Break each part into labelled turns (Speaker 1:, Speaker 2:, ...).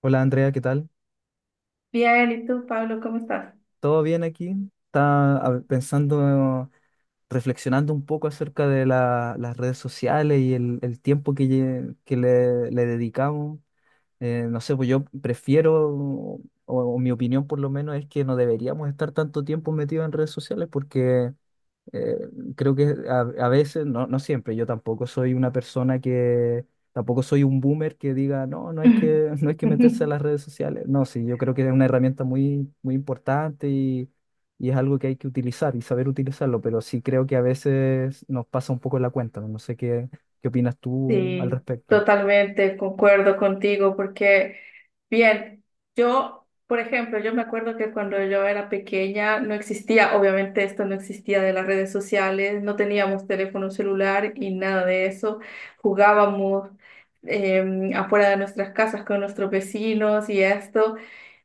Speaker 1: Hola Andrea, ¿qué tal?
Speaker 2: Bien, ¿y tú, Pablo, cómo estás?
Speaker 1: ¿Todo bien aquí? Estaba a pensando, reflexionando un poco acerca de las redes sociales y el tiempo que, que le dedicamos. No sé, pues yo prefiero, o mi opinión por lo menos es que no deberíamos estar tanto tiempo metidos en redes sociales porque Eh, creo que a veces, no, no siempre, yo tampoco soy una persona que, tampoco soy un boomer que diga, no, no hay que, no hay que meterse a las redes sociales. No, sí, yo creo que es una herramienta muy importante y es algo que hay que utilizar y saber utilizarlo, pero sí creo que a veces nos pasa un poco la cuenta. No sé qué, qué opinas tú al
Speaker 2: Sí,
Speaker 1: respecto.
Speaker 2: totalmente concuerdo contigo porque, bien, yo, por ejemplo, yo me acuerdo que cuando yo era pequeña no existía, obviamente esto no existía de las redes sociales, no teníamos teléfono celular y nada de eso, jugábamos afuera de nuestras casas con nuestros vecinos y esto.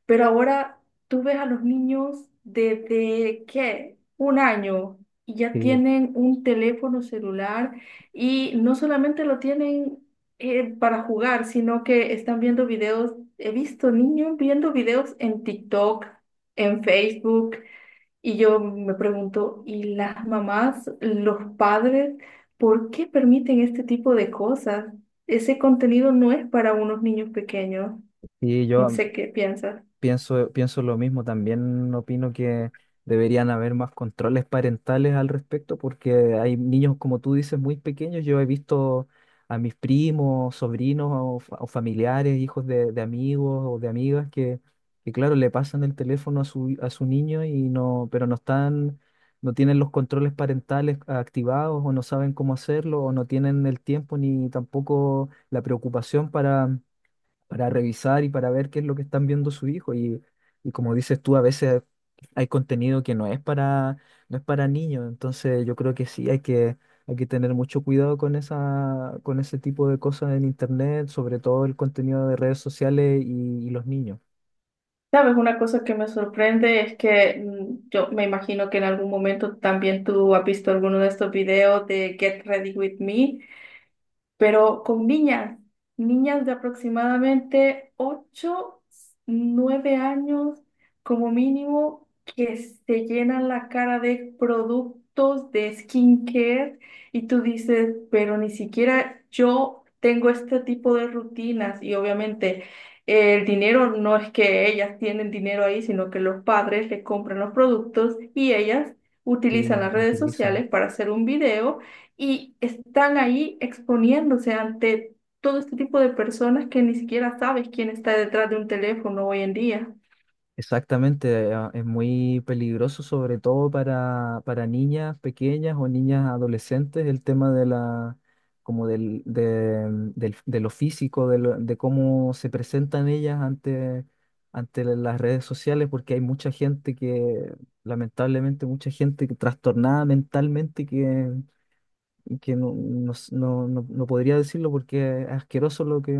Speaker 2: Pero ahora tú ves a los niños desde, ¿qué? Un año, y ya
Speaker 1: Sí,
Speaker 2: tienen un teléfono celular, y no solamente lo tienen para jugar, sino que están viendo videos. He visto niños viendo videos en TikTok, en Facebook, y yo me pregunto, ¿y las mamás, los padres, por qué permiten este tipo de cosas? Ese contenido no es para unos niños pequeños.
Speaker 1: sí,
Speaker 2: No
Speaker 1: yo,
Speaker 2: sé qué piensas.
Speaker 1: pienso lo mismo, también opino que deberían haber más controles parentales al respecto, porque hay niños, como tú dices, muy pequeños. Yo he visto a mis primos, sobrinos o, o familiares, hijos de amigos o de amigas que, claro, le pasan el teléfono a su niño y no, pero no están, no tienen los controles parentales activados o no saben cómo hacerlo o no tienen el tiempo ni tampoco la preocupación para revisar y para ver qué es lo que están viendo su hijo. Y como dices tú, a veces hay contenido que no es para, no es para niños. Entonces yo creo que sí, hay que tener mucho cuidado con esa, con ese tipo de cosas en internet, sobre todo el contenido de redes sociales y los niños.
Speaker 2: Sabes, una cosa que me sorprende es que yo me imagino que en algún momento también tú has visto alguno de estos videos de Get Ready With Me pero con niñas, niñas de aproximadamente 8, 9 años como mínimo, que se llenan la cara de productos de skincare, y tú dices, pero ni siquiera yo tengo este tipo de rutinas y obviamente... El dinero, no es que ellas tienen dinero ahí, sino que los padres le compran los productos y ellas
Speaker 1: Sí,
Speaker 2: utilizan las redes
Speaker 1: utilizan.
Speaker 2: sociales para hacer un video, y están ahí exponiéndose ante todo este tipo de personas que ni siquiera sabes quién está detrás de un teléfono hoy en día.
Speaker 1: Exactamente, es muy peligroso, sobre todo para niñas pequeñas o niñas adolescentes, el tema de la, como del, de, de lo físico, de, de cómo se presentan ellas ante, ante las redes sociales, porque hay mucha gente que, lamentablemente, mucha gente que trastornada mentalmente que no, no, no, no podría decirlo porque es asqueroso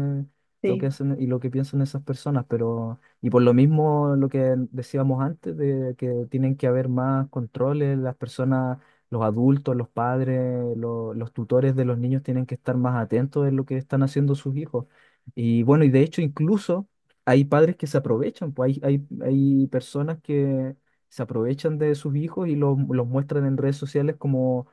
Speaker 1: lo que
Speaker 2: Sí.
Speaker 1: hacen y lo que piensan esas personas, pero, y por lo mismo lo que decíamos antes, de que tienen que haber más controles, las personas, los adultos, los padres, los tutores de los niños tienen que estar más atentos en lo que están haciendo sus hijos. Y bueno, y de hecho incluso hay padres que se aprovechan, pues hay, hay personas que se aprovechan de sus hijos y los muestran en redes sociales como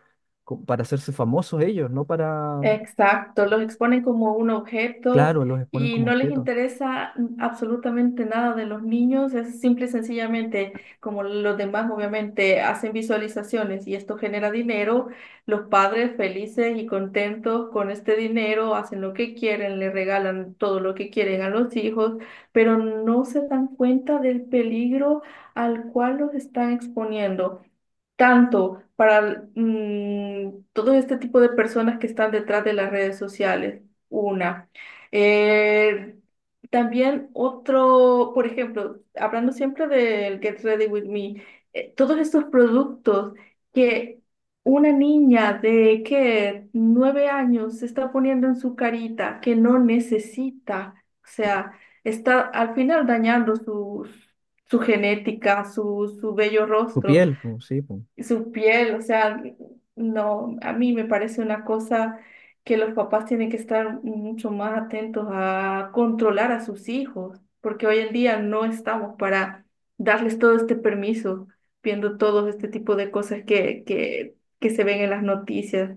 Speaker 1: para hacerse famosos ellos, no para,
Speaker 2: Exacto, los exponen como un objeto
Speaker 1: claro, los exponen
Speaker 2: y
Speaker 1: como
Speaker 2: no les
Speaker 1: objetos.
Speaker 2: interesa absolutamente nada de los niños, es simple y sencillamente, como los demás obviamente hacen visualizaciones y esto genera dinero, los padres felices y contentos con este dinero hacen lo que quieren, le regalan todo lo que quieren a los hijos, pero no se dan cuenta del peligro al cual los están exponiendo tanto para todo este tipo de personas que están detrás de las redes sociales. Una. Eh, también otro, por ejemplo, hablando siempre del Get Ready With Me, todos estos productos que una niña de que 9 años se está poniendo en su carita que no necesita, o sea, está al final dañando su, su genética, su bello
Speaker 1: Su
Speaker 2: rostro,
Speaker 1: piel, pues.
Speaker 2: su piel, o sea, no, a mí me parece una cosa que los papás tienen que estar mucho más atentos a controlar a sus hijos, porque hoy en día no estamos para darles todo este permiso, viendo todo este tipo de cosas que se ven en las noticias.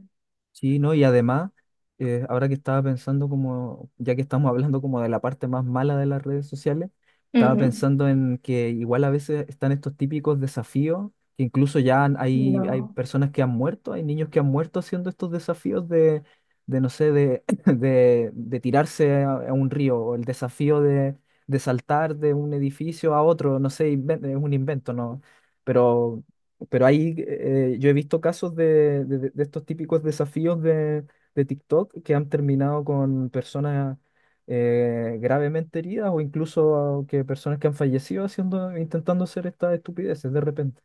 Speaker 1: Sí, ¿no? Y además, ahora que estaba pensando como, ya que estamos hablando como de la parte más mala de las redes sociales, estaba
Speaker 2: Ujú.
Speaker 1: pensando en que igual a veces están estos típicos desafíos, que incluso ya hay, hay
Speaker 2: No.
Speaker 1: personas que han muerto, hay niños que han muerto haciendo estos desafíos de no sé, de, de tirarse a un río, o el desafío de saltar de un edificio a otro, no sé, es un invento, ¿no? Pero pero ahí yo he visto casos de, de estos típicos desafíos de TikTok que han terminado con personas gravemente heridas o incluso que personas que han fallecido haciendo, intentando hacer estas estupideces de repente.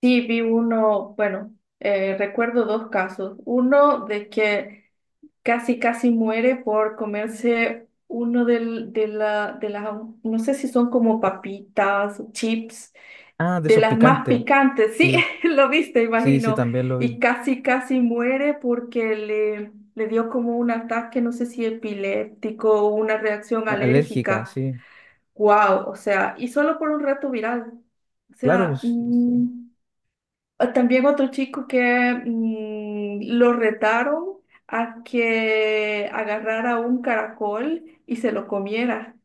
Speaker 2: Sí, vi uno, bueno, recuerdo dos casos. Uno de que casi casi muere por comerse uno de las no sé si son como papitas, chips,
Speaker 1: Ah, de
Speaker 2: de
Speaker 1: esos
Speaker 2: las más
Speaker 1: picantes.
Speaker 2: picantes, sí,
Speaker 1: Sí,
Speaker 2: lo viste,
Speaker 1: sí, sí,
Speaker 2: imagino,
Speaker 1: también lo
Speaker 2: y
Speaker 1: vi.
Speaker 2: casi casi muere porque le dio como un ataque, no sé si epiléptico o una reacción
Speaker 1: Alérgica,
Speaker 2: alérgica.
Speaker 1: sí.
Speaker 2: Wow, o sea, y solo por un rato viral. O
Speaker 1: Claro,
Speaker 2: sea,
Speaker 1: pues, sí, sí.
Speaker 2: también otro chico que lo retaron a que agarrara un caracol y se lo comiera.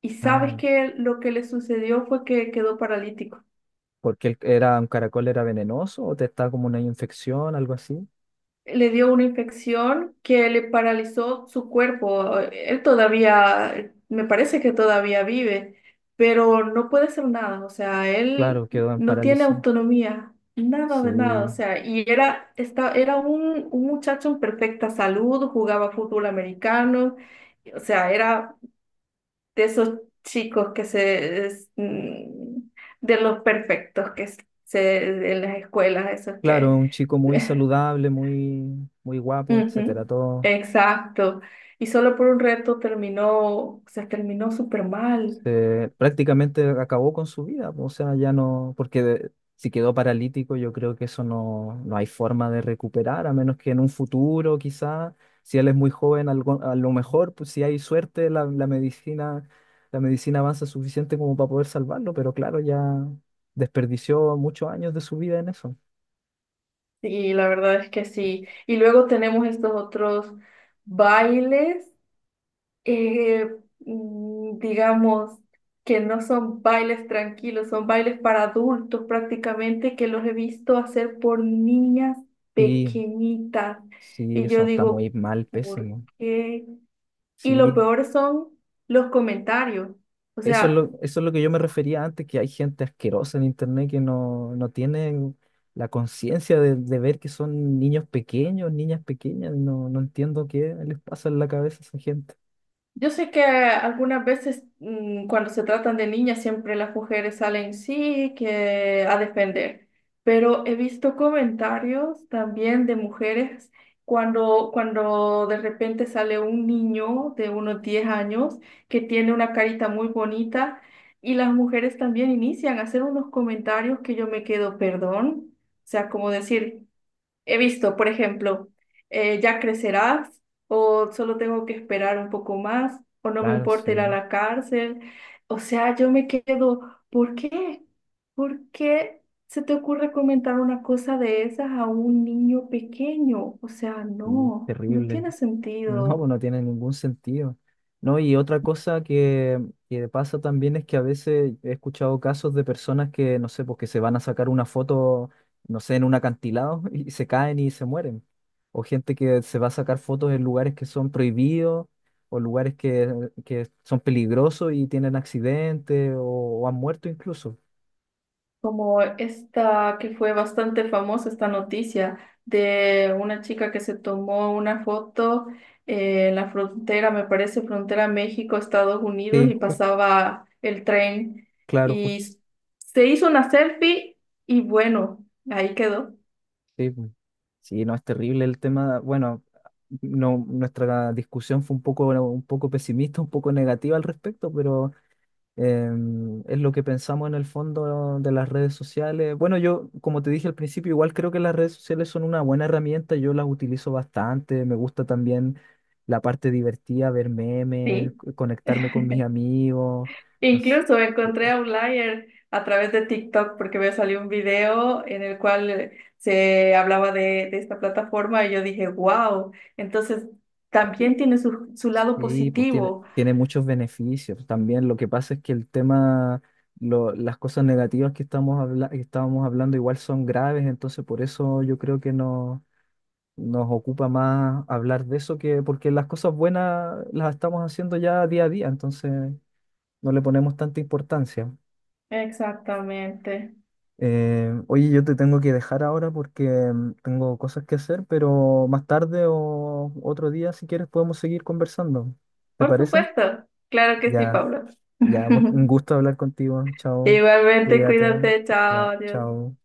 Speaker 2: Y sabes
Speaker 1: Ay,
Speaker 2: que lo que le sucedió fue que quedó paralítico.
Speaker 1: porque era un caracol era venenoso o te estaba como una infección, algo así.
Speaker 2: Le dio una infección que le paralizó su cuerpo. Él todavía, me parece que todavía vive, pero no puede hacer nada. O sea, él
Speaker 1: Claro, quedó en
Speaker 2: no tiene
Speaker 1: parálisis.
Speaker 2: autonomía, nada de nada. O
Speaker 1: Sí.
Speaker 2: sea, y era, era un muchacho en perfecta salud, jugaba fútbol americano. O sea, era de esos chicos que se, es, mm, de los perfectos se, en las escuelas, esos
Speaker 1: Claro,
Speaker 2: que...
Speaker 1: un chico muy saludable, muy, muy guapo, etcétera.
Speaker 2: Ujú,
Speaker 1: Todo
Speaker 2: exacto. Y solo por un reto se terminó súper mal.
Speaker 1: prácticamente acabó con su vida. O sea, ya no, porque si quedó paralítico, yo creo que eso no, no hay forma de recuperar, a menos que en un futuro, quizá, si él es muy joven, a lo mejor, pues, si hay suerte, la, la medicina avanza suficiente como para poder salvarlo. Pero claro, ya desperdició muchos años de su vida en eso.
Speaker 2: Y la verdad es que sí. Y luego tenemos estos otros bailes, eh, digamos, que no son bailes tranquilos, son bailes para adultos prácticamente, que los he visto hacer por niñas
Speaker 1: Sí,
Speaker 2: pequeñitas.
Speaker 1: sí,
Speaker 2: Y yo
Speaker 1: eso está muy
Speaker 2: digo,
Speaker 1: mal,
Speaker 2: ¿por
Speaker 1: pésimo.
Speaker 2: qué? Y lo
Speaker 1: Sí.
Speaker 2: peor son los comentarios. O sea...
Speaker 1: Eso es lo que yo me refería antes, que hay gente asquerosa en internet que no, no tiene la conciencia de ver que son niños pequeños, niñas pequeñas. No, no entiendo qué les pasa en la cabeza a esa gente.
Speaker 2: Yo sé que algunas veces cuando se tratan de niñas siempre las mujeres salen sí que a defender, pero he visto comentarios también de mujeres cuando de repente sale un niño de unos 10 años que tiene una carita muy bonita, y las mujeres también inician a hacer unos comentarios que yo me quedo, perdón, o sea, como decir... He visto, por ejemplo, ya crecerás, o solo tengo que esperar un poco más, o no me
Speaker 1: Claro, sí,
Speaker 2: importa ir a
Speaker 1: weón,
Speaker 2: la cárcel. O sea, yo me quedo, ¿por qué? ¿Por qué se te ocurre comentar una cosa de esas a un niño pequeño? O sea,
Speaker 1: sí,
Speaker 2: no, no
Speaker 1: terrible.
Speaker 2: tiene
Speaker 1: No,
Speaker 2: sentido.
Speaker 1: pues no tiene ningún sentido. No, y otra cosa que pasa también es que a veces he escuchado casos de personas que, no sé, pues que se van a sacar una foto, no sé, en un acantilado y se caen y se mueren. O gente que se va a sacar fotos en lugares que son prohibidos o lugares que son peligrosos y tienen accidentes o han muerto incluso.
Speaker 2: Como esta que fue bastante famosa, esta noticia de una chica que se tomó una foto en la frontera, me parece frontera México-Estados Unidos,
Speaker 1: Sí,
Speaker 2: y pasaba el tren,
Speaker 1: claro.
Speaker 2: y se hizo una selfie y bueno, ahí quedó,
Speaker 1: Sí, pues. Sí, no, es terrible el tema. Bueno, no, nuestra discusión fue un poco, bueno, un poco pesimista, un poco negativa al respecto, pero eh, es lo que pensamos en el fondo de las redes sociales. Bueno, yo, como te dije al principio, igual creo que las redes sociales son una buena herramienta, yo las utilizo bastante, me gusta también la parte divertida, ver memes,
Speaker 2: sí.
Speaker 1: conectarme con mis amigos. No sé.
Speaker 2: Incluso encontré a Outlier a través de TikTok porque me salió un video en el cual se hablaba de esta plataforma y yo dije, wow, entonces también tiene su, su lado
Speaker 1: Sí, pues tiene,
Speaker 2: positivo.
Speaker 1: tiene muchos beneficios. También lo que pasa es que el tema, las cosas negativas que estamos que estábamos hablando igual son graves, entonces por eso yo creo que no, nos ocupa más hablar de eso que porque las cosas buenas las estamos haciendo ya día a día, entonces no le ponemos tanta importancia.
Speaker 2: Exactamente.
Speaker 1: Oye, yo te tengo que dejar ahora porque tengo cosas que hacer, pero más tarde o otro día, si quieres, podemos seguir conversando. ¿Te
Speaker 2: Por
Speaker 1: parece?
Speaker 2: supuesto. Claro que sí,
Speaker 1: Ya.
Speaker 2: Pablo.
Speaker 1: Ya, un gusto hablar contigo. Chao.
Speaker 2: Igualmente,
Speaker 1: Cuídate.
Speaker 2: cuídate, chao,
Speaker 1: Ya,
Speaker 2: adiós.
Speaker 1: chao.